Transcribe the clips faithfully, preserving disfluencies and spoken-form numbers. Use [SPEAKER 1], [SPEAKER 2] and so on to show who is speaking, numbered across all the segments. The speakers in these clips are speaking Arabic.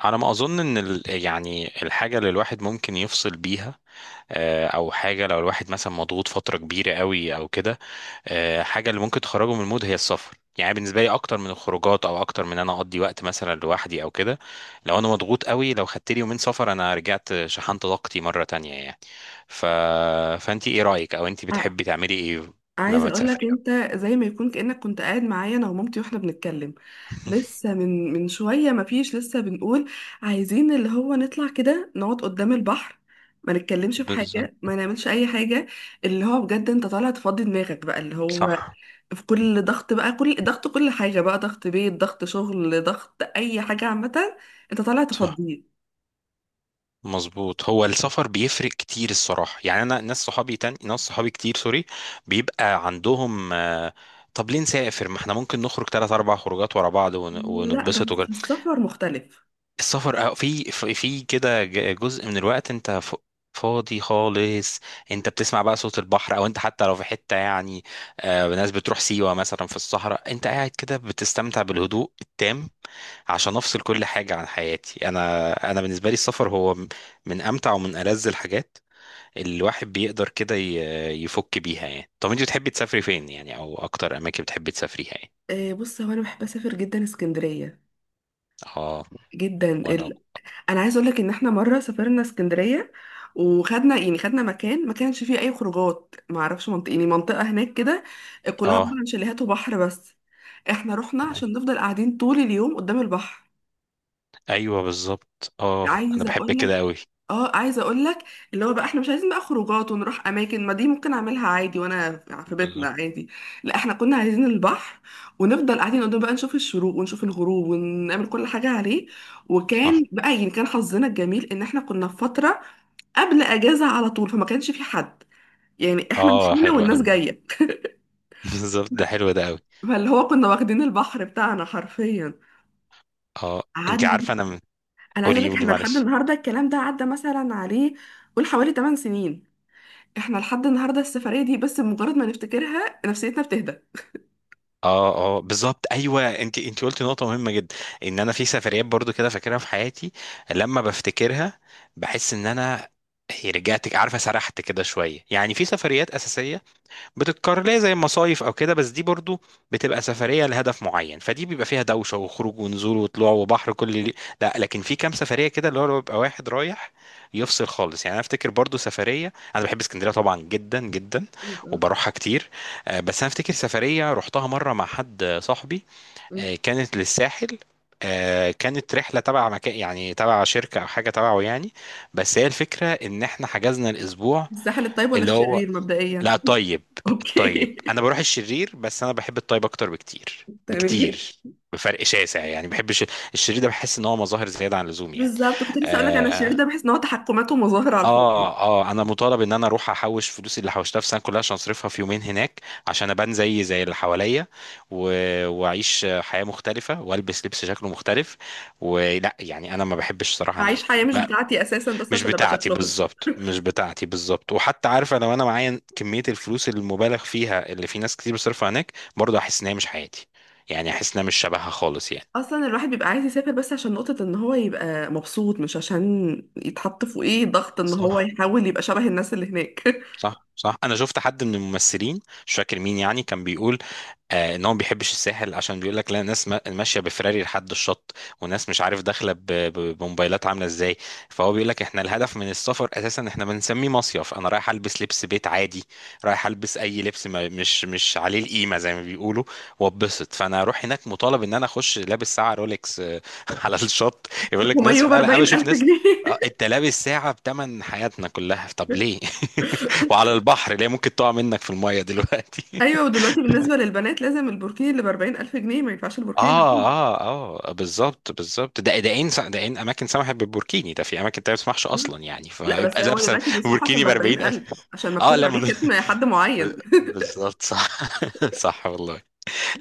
[SPEAKER 1] على ما اظن ان ال- يعني الحاجه اللي الواحد ممكن يفصل بيها. آه، او حاجه لو الواحد مثلا مضغوط فتره كبيره قوي او كده. آه، حاجه اللي ممكن تخرجه من المود هي السفر، يعني بالنسبه لي اكتر من الخروجات او اكتر من انا اقضي وقت مثلا لوحدي او كده. لو انا مضغوط قوي، لو خدت لي يومين سفر انا رجعت شحنت طاقتي مره تانية يعني. ف... فانت ايه رايك، او انت
[SPEAKER 2] ع-
[SPEAKER 1] بتحبي تعملي ايه
[SPEAKER 2] عايزه
[SPEAKER 1] لما
[SPEAKER 2] اقول لك
[SPEAKER 1] تسافري أو
[SPEAKER 2] انت،
[SPEAKER 1] كده؟
[SPEAKER 2] زي ما يكون كانك كنت قاعد معايا انا ومامتي واحنا بنتكلم. لسه من من شويه ما فيش لسه بنقول عايزين اللي هو نطلع كده نقعد قدام البحر، ما نتكلمش في حاجه،
[SPEAKER 1] بالظبط.
[SPEAKER 2] ما نعملش اي حاجه. اللي هو بجد انت طالع تفضي دماغك بقى، اللي هو
[SPEAKER 1] صح،
[SPEAKER 2] في كل ضغط بقى، كل ضغط، كل حاجه بقى، ضغط بيت، ضغط شغل، ضغط اي حاجه عامه. انت طالع
[SPEAKER 1] صح.
[SPEAKER 2] تفضيه.
[SPEAKER 1] مظبوط، هو السفر بيفرق كتير الصراحة. يعني أنا ناس صحابي، تاني ناس صحابي كتير، سوري، بيبقى عندهم آه، طب ليه نسافر، ما احنا ممكن نخرج تلات أربع خروجات ورا بعض ون-
[SPEAKER 2] لا
[SPEAKER 1] ونتبسط.
[SPEAKER 2] بس السفر مختلف.
[SPEAKER 1] السفر أه، في في في كده ج- جزء من الوقت انت ف- فاضي خالص. انت بتسمع بقى صوت البحر، او انت حتى لو في حتة يعني، آه، ناس بتروح سيوة مثلا في الصحراء، انت قاعد كده بتستمتع بالهدوء التام عشان افصل كل حاجة عن حياتي. انا انا بالنسبة لي السفر هو م- من امتع ومن ألذ الحاجات اللي الواحد بيقدر كده ي- يفك بيها يعني. طب انت بتحبي تسافري فين يعني، او اكتر اماكن بتحبي تسافريها يعني؟
[SPEAKER 2] آه، بص هو انا بحب اسافر جدا اسكندريه،
[SPEAKER 1] اه.
[SPEAKER 2] جدا.
[SPEAKER 1] وانا.
[SPEAKER 2] انا عايز اقول لك ان احنا مره سافرنا اسكندريه، وخدنا يعني خدنا مكان ما كانش فيه اي خروجات، ما اعرفش منطقه يعني منطقه هناك كده كلها
[SPEAKER 1] اه.
[SPEAKER 2] عباره عن شاليهات وبحر بس. احنا رحنا عشان نفضل قاعدين طول اليوم قدام البحر.
[SPEAKER 1] ايوه بالظبط، اه انا
[SPEAKER 2] عايزه
[SPEAKER 1] بحب
[SPEAKER 2] اقول لك،
[SPEAKER 1] كده قوي.
[SPEAKER 2] اه عايزه اقول لك اللي هو بقى احنا مش عايزين بقى خروجات ونروح اماكن، ما دي ممكن اعملها عادي وانا في بيتنا
[SPEAKER 1] بالظبط.
[SPEAKER 2] عادي. لا احنا كنا عايزين البحر، ونفضل قاعدين قدام بقى، نشوف الشروق ونشوف الغروب ونعمل كل حاجه عليه.
[SPEAKER 1] صح.
[SPEAKER 2] وكان بقى يعني كان حظنا الجميل ان احنا كنا في فتره قبل اجازه على طول، فما كانش في حد، يعني احنا
[SPEAKER 1] اه
[SPEAKER 2] مشينا
[SPEAKER 1] حلو
[SPEAKER 2] والناس
[SPEAKER 1] قوي ده.
[SPEAKER 2] جايه.
[SPEAKER 1] بالظبط، ده حلو ده قوي.
[SPEAKER 2] فاللي هو كنا واخدين البحر بتاعنا حرفيا.
[SPEAKER 1] اه. انت عارفه
[SPEAKER 2] قعدنا.
[SPEAKER 1] انا من...
[SPEAKER 2] انا عايزه اقول
[SPEAKER 1] قولي
[SPEAKER 2] لك
[SPEAKER 1] قولي
[SPEAKER 2] احنا لحد
[SPEAKER 1] معلش.
[SPEAKER 2] النهارده الكلام ده عدى مثلا عليه قول حوالي ثمانية سنين. احنا لحد النهارده السفريه دي بس بمجرد ما نفتكرها نفسيتنا بتهدى.
[SPEAKER 1] اه اه بالظبط، ايوه، انت انت قلتي نقطه مهمه جدا، ان انا في سفريات برضو كده فاكرها في حياتي، لما بفتكرها بحس ان انا هي رجعت. عارفه سرحت كده شويه. يعني في سفريات اساسيه بتتكرر ليه زي المصايف او كده، بس دي برضو بتبقى سفريه لهدف معين، فدي بيبقى فيها دوشه وخروج ونزول وطلوع وبحر كل اللي... لا، لكن في كام سفريه كده اللي هو بيبقى واحد رايح يفصل خالص، يعني انا افتكر برضو سفريه. انا بحب اسكندريه طبعا جدا جدا
[SPEAKER 2] يبقى-
[SPEAKER 1] وبروحها كتير. آه، بس انا افتكر سفريه رحتها مره مع حد صاحبي،
[SPEAKER 2] م.
[SPEAKER 1] آه، كانت للساحل، آه، كانت رحلة تبع مكان يعني تبع شركة أو حاجة تبعه يعني، بس هي الفكرة إن إحنا حجزنا الأسبوع
[SPEAKER 2] الساحل الطيب ولا
[SPEAKER 1] اللي هو
[SPEAKER 2] الشرير مبدئيا؟
[SPEAKER 1] لا طيب. الطيب.
[SPEAKER 2] اوكي.
[SPEAKER 1] انا بروح الشرير بس انا بحب الطيب اكتر بكتير
[SPEAKER 2] تمام.
[SPEAKER 1] بكتير، بفرق شاسع يعني. بحب الش- الشرير ده بحس ان هو مظاهر زياده عن اللزوم يعني.
[SPEAKER 2] بالظبط، كنت لسه اقول لك انا الشرير
[SPEAKER 1] اه.
[SPEAKER 2] ده بحس ان هو تحكمات ومظاهر على
[SPEAKER 1] اه.
[SPEAKER 2] الفاضي.
[SPEAKER 1] آه، انا مطالب ان انا اروح احوش فلوسي اللي حوشتها في السنه كلها عشان اصرفها في يومين هناك، عشان ابان زي زي اللي حواليا و... واعيش حياه مختلفه والبس لبس شكله مختلف، ولا، يعني انا ما بحبش صراحه
[SPEAKER 2] عايش
[SPEAKER 1] هناك.
[SPEAKER 2] حياه مش بتاعتي اساسا بس
[SPEAKER 1] مش
[SPEAKER 2] عشان ابقى
[SPEAKER 1] بتاعتي
[SPEAKER 2] شكلهم.
[SPEAKER 1] بالظبط، مش بتاعتي بالظبط. وحتى عارفه لو انا معايا كميه الفلوس المبالغ فيها اللي في ناس كتير بتصرفها هناك، برضه احس ان هي مش حياتي، يعني احس انها مش شبهها خالص يعني.
[SPEAKER 2] اصلا الواحد بيبقى عايز يسافر بس عشان نقطة ان هو يبقى مبسوط، مش عشان يتحط في ايه ضغط ان هو
[SPEAKER 1] صح.
[SPEAKER 2] يحاول يبقى شبه الناس اللي هناك.
[SPEAKER 1] صح، صح. انا شفت حد من الممثلين، مش فاكر مين، يعني كان بيقول آه ان هو ما بيحبش الساحل، عشان بيقول لك لا، ناس ما- ماشيه بفراري لحد الشط، وناس مش عارف داخله ب- ب- بموبايلات عامله ازاي. فهو بيقول لك احنا الهدف من السفر اساسا، احنا بنسميه مصيف، انا رايح البس لبس بيت عادي، رايح البس اي لبس، ما مش مش عليه القيمه زي ما بيقولوا، واتبسط. فانا اروح هناك مطالب ان انا اخش لابس ساعه رولكس، آه، على الشط. يقول لك
[SPEAKER 2] وميه
[SPEAKER 1] ناس،
[SPEAKER 2] ب
[SPEAKER 1] فعلا انا
[SPEAKER 2] أربعين
[SPEAKER 1] بشوف
[SPEAKER 2] الف
[SPEAKER 1] ناس،
[SPEAKER 2] جنيه.
[SPEAKER 1] آه، انت لابس ساعه بتمن حياتنا كلها، طب ليه؟ وعلى البحر ليه؟ ممكن تقع منك في الميه دلوقتي.
[SPEAKER 2] ايوه، ودلوقتي بالنسبة للبنات لازم البوركيني اللي ب أربعين الف جنيه، ما ينفعش البوركيني اللي ب
[SPEAKER 1] اه.
[SPEAKER 2] خمسين.
[SPEAKER 1] اه. اه بالظبط، بالظبط. ده ده ان ده ان اماكن سمحت بالبوركيني ده، في اماكن تانية ما تسمحش اصلا يعني،
[SPEAKER 2] لا بس
[SPEAKER 1] فيبقى
[SPEAKER 2] هو
[SPEAKER 1] لابسه
[SPEAKER 2] دلوقتي بيسمحوا عشان
[SPEAKER 1] بوركيني
[SPEAKER 2] ب
[SPEAKER 1] ب
[SPEAKER 2] أربعين
[SPEAKER 1] اربعين الف.
[SPEAKER 2] الف، عشان
[SPEAKER 1] اه
[SPEAKER 2] مكتوب
[SPEAKER 1] لا
[SPEAKER 2] عليه
[SPEAKER 1] من...
[SPEAKER 2] ختم حد
[SPEAKER 1] ب-
[SPEAKER 2] معين.
[SPEAKER 1] بالظبط صح. صح والله.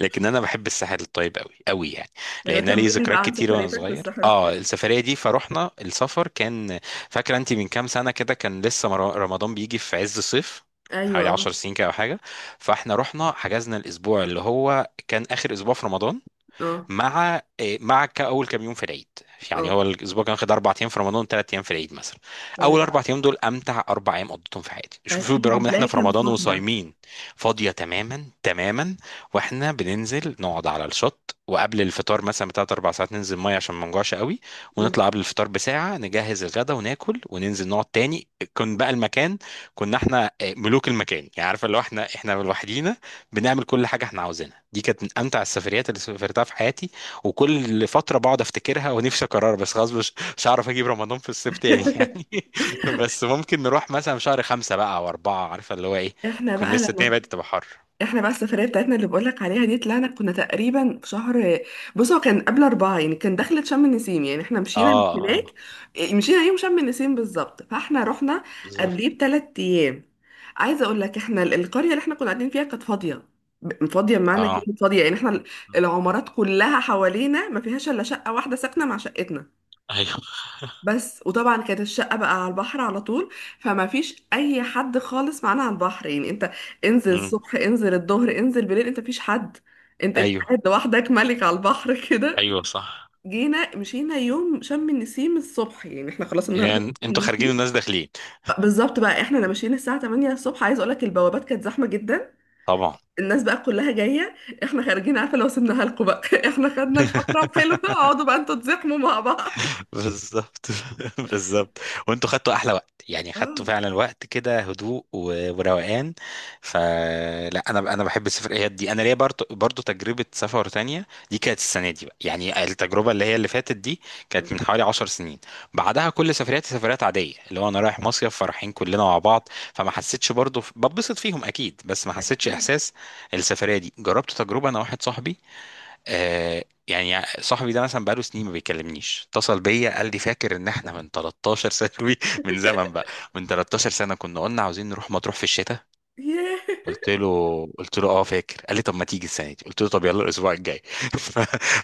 [SPEAKER 1] لكن انا بحب الساحل الطيب قوي قوي يعني،
[SPEAKER 2] ايوه
[SPEAKER 1] لان أنا لي
[SPEAKER 2] كملي
[SPEAKER 1] ذكريات
[SPEAKER 2] بقى عن
[SPEAKER 1] كتير وانا
[SPEAKER 2] سفريتك في
[SPEAKER 1] صغير
[SPEAKER 2] الصحراء
[SPEAKER 1] اه
[SPEAKER 2] الطويلة.
[SPEAKER 1] السفريه دي. فروحنا، السفر كان، فاكره انت من كام سنه كده كان لسه مر- رمضان بيجي في عز الصيف،
[SPEAKER 2] ايوه.
[SPEAKER 1] حوالي
[SPEAKER 2] اه.
[SPEAKER 1] 10 سنين كده او حاجه. فاحنا رحنا حجزنا الاسبوع اللي هو كان اخر اسبوع في رمضان
[SPEAKER 2] اه.
[SPEAKER 1] مع إيه، مع كاول كام يوم في العيد،
[SPEAKER 2] اه.
[SPEAKER 1] يعني هو الاسبوع كان واخد اربع ايام في رمضان، ثلاث ايام في العيد مثلا.
[SPEAKER 2] تمام.
[SPEAKER 1] اول اربع ايام دول امتع اربع ايام قضيتهم في حياتي، شوف شوف،
[SPEAKER 2] اكيد
[SPEAKER 1] برغم ان احنا
[SPEAKER 2] هتلاقيها
[SPEAKER 1] في
[SPEAKER 2] كانت
[SPEAKER 1] رمضان
[SPEAKER 2] فاضية.
[SPEAKER 1] وصايمين. فاضيه تماما تماما، واحنا بننزل نقعد على الشط، وقبل الفطار مثلا بتلات اربع ساعات ننزل ميه عشان ما نجوعش قوي، ونطلع قبل الفطار بساعه، نجهز الغدا وناكل وننزل نقعد تاني. كان بقى المكان، كنا احنا آه، ملوك المكان يعني، عارفه لو احنا، احنا لوحدينا بنعمل كل حاجه احنا عاوزينها. دي كانت من امتع السفريات اللي سافرتها في حياتي، وكل فتره بقعد افتكرها ونفسي اكررها، بس خلاص مش مش هعرف اجيب رمضان في الصيف تاني يعني. بس ممكن نروح مثلا في شهر خمسة بقى او اربعة، عارفه اللي هو ايه،
[SPEAKER 2] احنا
[SPEAKER 1] يكون
[SPEAKER 2] بقى
[SPEAKER 1] لسه الدنيا
[SPEAKER 2] لما
[SPEAKER 1] بدأت تبقى حر.
[SPEAKER 2] احنا بقى السفرية بتاعتنا اللي بقولك عليها دي طلعنا كنا تقريبا في شهر، بص هو كان قبل أربعة يعني، كان دخلة شم النسيم يعني احنا
[SPEAKER 1] اه.
[SPEAKER 2] مشينا من هناك.
[SPEAKER 1] اه
[SPEAKER 2] إيه، مشينا يوم شم النسيم بالظبط، فاحنا رحنا قبليه
[SPEAKER 1] بالظبط.
[SPEAKER 2] بتلات أيام. عايزة أقول لك احنا ال- القرية اللي احنا كنا قاعدين فيها كانت فاضية، ب- فاضية بمعنى
[SPEAKER 1] اه.
[SPEAKER 2] كلمة فاضية يعني احنا ال-
[SPEAKER 1] مم.
[SPEAKER 2] العمارات كلها حوالينا ما فيهاش إلا شقة واحدة ساكنة مع شقتنا
[SPEAKER 1] ايوه.
[SPEAKER 2] بس. وطبعا كانت الشقة بقى على البحر على طول، فما فيش أي حد خالص معانا على البحر، يعني أنت انزل
[SPEAKER 1] مم.
[SPEAKER 2] الصبح، انزل الظهر، انزل بالليل، أنت مفيش حد. أنت أنت
[SPEAKER 1] ايوه،
[SPEAKER 2] قاعد لوحدك ملك على البحر كده.
[SPEAKER 1] ايوه صح.
[SPEAKER 2] جينا مشينا يوم شم النسيم الصبح، يعني احنا خلاص النهاردة
[SPEAKER 1] يعني
[SPEAKER 2] شم
[SPEAKER 1] انتوا خارجين
[SPEAKER 2] النسيم
[SPEAKER 1] والناس داخلين.
[SPEAKER 2] بالظبط بقى، احنا ماشيين الساعة تمانية الصبح، عايز اقولك البوابات كانت زحمة جدا.
[SPEAKER 1] طبعا.
[SPEAKER 2] الناس بقى كلها جاية، احنا خارجين. عارفة، لو سيبناها لكم بقى، احنا خدنا الفترة الحلوة، اقعدوا بقى انتوا تزحموا مع بعض.
[SPEAKER 1] بالظبط، بالظبط، وانتوا خدتوا احلى وقت يعني، خدتوا
[SPEAKER 2] اه.
[SPEAKER 1] فعلا وقت كده هدوء و- وروقان. فلا، انا، انا بحب السفريات دي. انا ليا برضو برضو تجربه سفر تانية، دي كانت السنه دي بقى، يعني التجربه اللي هي اللي فاتت دي كانت من حوالي 10 سنين. بعدها كل سفرياتي سفريات عاديه، اللي هو انا رايح مصيف فرحين كلنا مع بعض، فما حسيتش برضو ببسط فيهم اكيد، بس ما حسيتش
[SPEAKER 2] اكيد.
[SPEAKER 1] احساس السفريه دي. جربت تجربه انا واحد صاحبي، آه، يعني صاحبي ده مثلا بقاله سنين ما بيكلمنيش، اتصل بيا قال لي فاكر ان احنا من 13 سنة من زمن بقى، من 13 سنة كنا قلنا عاوزين نروح مطروح في الشتاء.
[SPEAKER 2] ياه.
[SPEAKER 1] قلت له، قلت له اه فاكر. قال لي طب ما تيجي السنه دي، قلت له طب يلا الاسبوع الجاي. ف-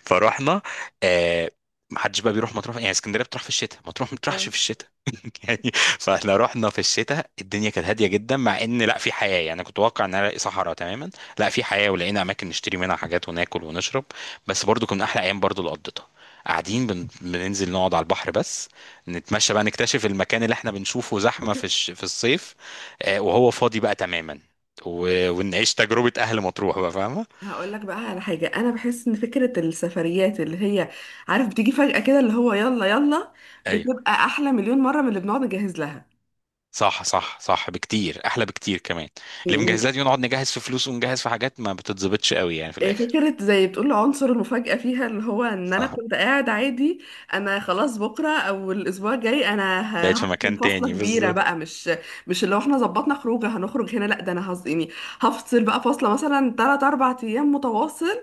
[SPEAKER 1] فروحنا. آه، ما حدش بقى بيروح مطروح يعني، اسكندريه بتروح في الشتاء، مطروح ما بتروحش
[SPEAKER 2] اه.
[SPEAKER 1] في الشتاء يعني. فاحنا رحنا في الشتاء الدنيا كانت هاديه جدا، مع ان لا في حياه يعني، كنت متوقع ان أنا الاقي صحراء تماما، لا في حياه ولقينا اماكن نشتري منها حاجات وناكل ونشرب. بس برضو كنا احلى ايام برضو اللي قضيتها قاعدين، بن... بننزل نقعد على البحر بس، نتمشى بقى نكتشف المكان اللي احنا بنشوفه زحمه في الش... في الصيف، آه، وهو فاضي بقى تماما،
[SPEAKER 2] بس
[SPEAKER 1] و... ونعيش تجربة أهل مطروح بقى، فاهمة؟
[SPEAKER 2] هقول لك بقى على حاجة، أنا بحس إن فكرة السفريات اللي هي، عارف، بتيجي فجأة كده اللي هو يلا يلا،
[SPEAKER 1] أيوه.
[SPEAKER 2] بتبقى أحلى مليون مرة من اللي بنقعد نجهز لها.
[SPEAKER 1] صح صح صح، بكتير أحلى، بكتير كمان. اللي مجهزات دي نقعد نجهز في فلوس ونجهز في حاجات ما بتتظبطش قوي يعني في
[SPEAKER 2] إيه
[SPEAKER 1] الآخر.
[SPEAKER 2] فكرة زي بتقول عنصر المفاجأة فيها، اللي هو ان انا
[SPEAKER 1] صح.
[SPEAKER 2] كنت قاعد عادي، انا خلاص بكرة او الاسبوع الجاي انا ه-
[SPEAKER 1] بقيت في
[SPEAKER 2] هفصل
[SPEAKER 1] مكان
[SPEAKER 2] فصلة
[SPEAKER 1] تاني
[SPEAKER 2] كبيرة
[SPEAKER 1] بالظبط.
[SPEAKER 2] بقى، مش مش اللي هو احنا ظبطنا خروجه هنخرج هنا، لا ده انا هز يعني هفصل بقى فصلة مثلا ثلاثة أربعة ايام متواصل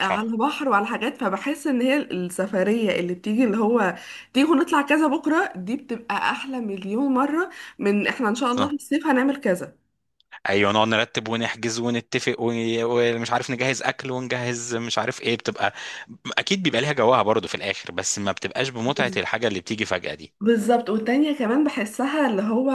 [SPEAKER 2] على
[SPEAKER 1] صح.
[SPEAKER 2] بحر وعلى حاجات. فبحس ان هي السفرية اللي بتيجي اللي هو تيجوا نطلع كذا بكرة، دي بتبقى احلى مليون مرة من احنا ان شاء الله في
[SPEAKER 1] صح.
[SPEAKER 2] الصيف هنعمل كذا.
[SPEAKER 1] أيوه، نقعد نرتب ونحجز ونتفق ون- ومش عارف نجهز أكل ونجهز مش عارف إيه، بتبقى أكيد بيبقى ليها جواها برضه في الآخر، بس ما بتبقاش بمتعة الحاجة اللي بتيجي فجأة دي.
[SPEAKER 2] بالظبط، والتانية كمان بحسها اللي هو،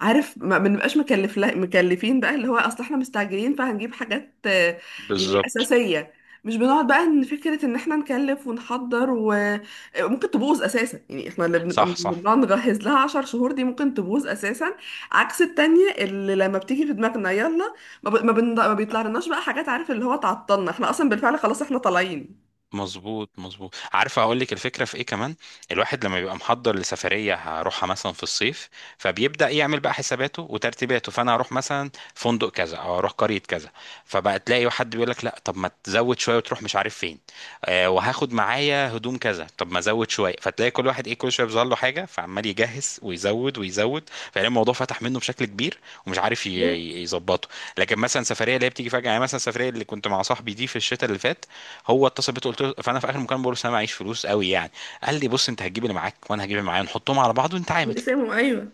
[SPEAKER 2] عارف، ما ما بنبقاش مكلف، لا مكلفين بقى، اللي هو اصل احنا مستعجلين فهنجيب حاجات آه، يعني
[SPEAKER 1] بالظبط.
[SPEAKER 2] اساسية. مش بنقعد بقى ان فكرة ان احنا نكلف ونحضر وممكن تبوظ اساسا، يعني احنا اللي بنبقى
[SPEAKER 1] صح. صح.
[SPEAKER 2] بنقعد نجهز لها عشر شهور دي ممكن تبوظ اساسا. عكس التانية اللي لما بتيجي في دماغنا يلا، ما, ب... ما, بن... ما بيطلع لناش بقى حاجات، عارف اللي هو تعطلنا، احنا اصلا بالفعل خلاص احنا طالعين.
[SPEAKER 1] مظبوط، مظبوط. عارفه اقول لك الفكره في ايه كمان؟ الواحد لما بيبقى محضر لسفريه هروحها مثلا في الصيف، فبيبدا يعمل بقى حساباته وترتيباته، فانا هروح مثلا فندق كذا او هروح قريه كذا، فبقى تلاقي حد بيقول لك لا طب ما تزود شويه وتروح مش عارف فين، آه وهاخد معايا هدوم كذا طب ما ازود شويه، فتلاقي كل واحد ايه كل شويه بيظهر له حاجه، فعمال يجهز ويزود ويزود، فلاقي الموضوع فتح منه بشكل كبير، ومش عارف ي-
[SPEAKER 2] بالظبط.
[SPEAKER 1] ي- يظبطه. لكن مثلا سفريه اللي هي بتيجي فجاه، يعني مثلا السفريه اللي كنت مع صاحبي دي في الشتاء اللي فات، هو اتصل بيا، قلت له، فانا في اخر المكالمه بقول له: أصل انا معيش فلوس قوي يعني. قال لي بص، انت هتجيب اللي معاك وانا هجيب اللي معايا، نحطهم على بعض ونتعامل.
[SPEAKER 2] ايوه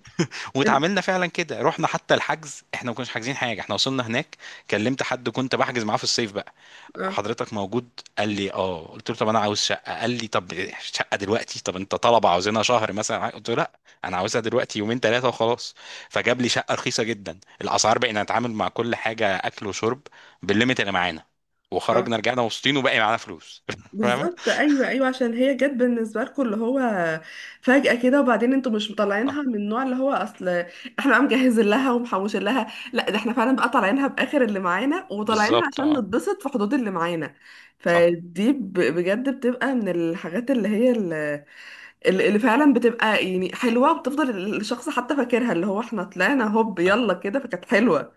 [SPEAKER 2] ال-
[SPEAKER 1] واتعاملنا فعلا كده. رحنا، حتى الحجز احنا ما كناش حاجزين حاجه، احنا وصلنا هناك كلمت حد كنت بحجز معاه في الصيف بقى:
[SPEAKER 2] اه
[SPEAKER 1] حضرتك موجود؟ قال لي اه، قلت له طب انا عاوز شقه، قال لي طب شقه دلوقتي، طب انت طلبه عاوزينها شهر مثلا؟ قلت له لا، انا عاوزها دلوقتي يومين ثلاثه وخلاص. فجاب لي شقه رخيصه جدا الاسعار، بقينا نتعامل مع كل حاجه اكل وشرب بالليميت اللي معانا، وخرجنا رجعنا مبسوطين وباقي معانا فلوس. فاهم؟
[SPEAKER 2] بالظبط ايوه ايوه، عشان هي جت بالنسبه لكم اللي هو فجاه كده، وبعدين انتوا مش
[SPEAKER 1] آه،
[SPEAKER 2] مطلعينها من النوع اللي هو اصل احنا بقى مجهزين لها ومحوشين لها، لا ده احنا فعلا بقى طالعينها باخر اللي معانا، وطالعينها
[SPEAKER 1] بالظبط.
[SPEAKER 2] عشان
[SPEAKER 1] اه
[SPEAKER 2] نتبسط في حدود اللي معانا.
[SPEAKER 1] صح.
[SPEAKER 2] فدي ب- بجد بتبقى من الحاجات اللي هي اللي, اللي فعلا بتبقى يعني حلوه، وبتفضل الشخص حتى فاكرها، اللي هو احنا طلعنا هوب
[SPEAKER 1] صح.
[SPEAKER 2] يلا كده، فكانت حلوه.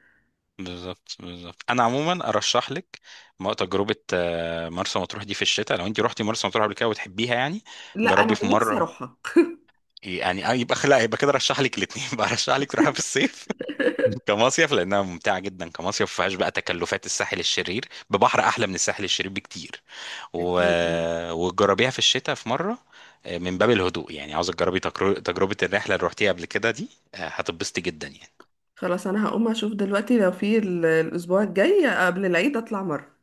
[SPEAKER 1] بالظبط، بالظبط، انا عموما ارشح لك م- تجربه آه، مرسى مطروح دي في الشتاء، لو انت رحتي مرسى مطروح قبل كده وتحبيها يعني.
[SPEAKER 2] لا
[SPEAKER 1] جربي
[SPEAKER 2] انا
[SPEAKER 1] في
[SPEAKER 2] نفسي
[SPEAKER 1] مره،
[SPEAKER 2] اروحها.
[SPEAKER 1] يعني آه، يبقى لا يبقى كده رشح لك الاثنين بقى، رشح لك تروحها في الصيف كمصيف، لانها ممتعه جدا كمصيف، ما فيهاش بقى تكلفات الساحل الشرير، ببحر احلى من الساحل الشرير بكتير، و...
[SPEAKER 2] أكيد.
[SPEAKER 1] وتجربيها في الشتاء في مره، آه، من باب الهدوء يعني، عاوزه تجربي تجر- تجربه الرحله اللي رحتيها قبل كده دي، آه، هتتبسطي جدا يعني.
[SPEAKER 2] خلاص انا هقوم اشوف دلوقتي لو في ال- الاسبوع الجاي قبل العيد اطلع مرة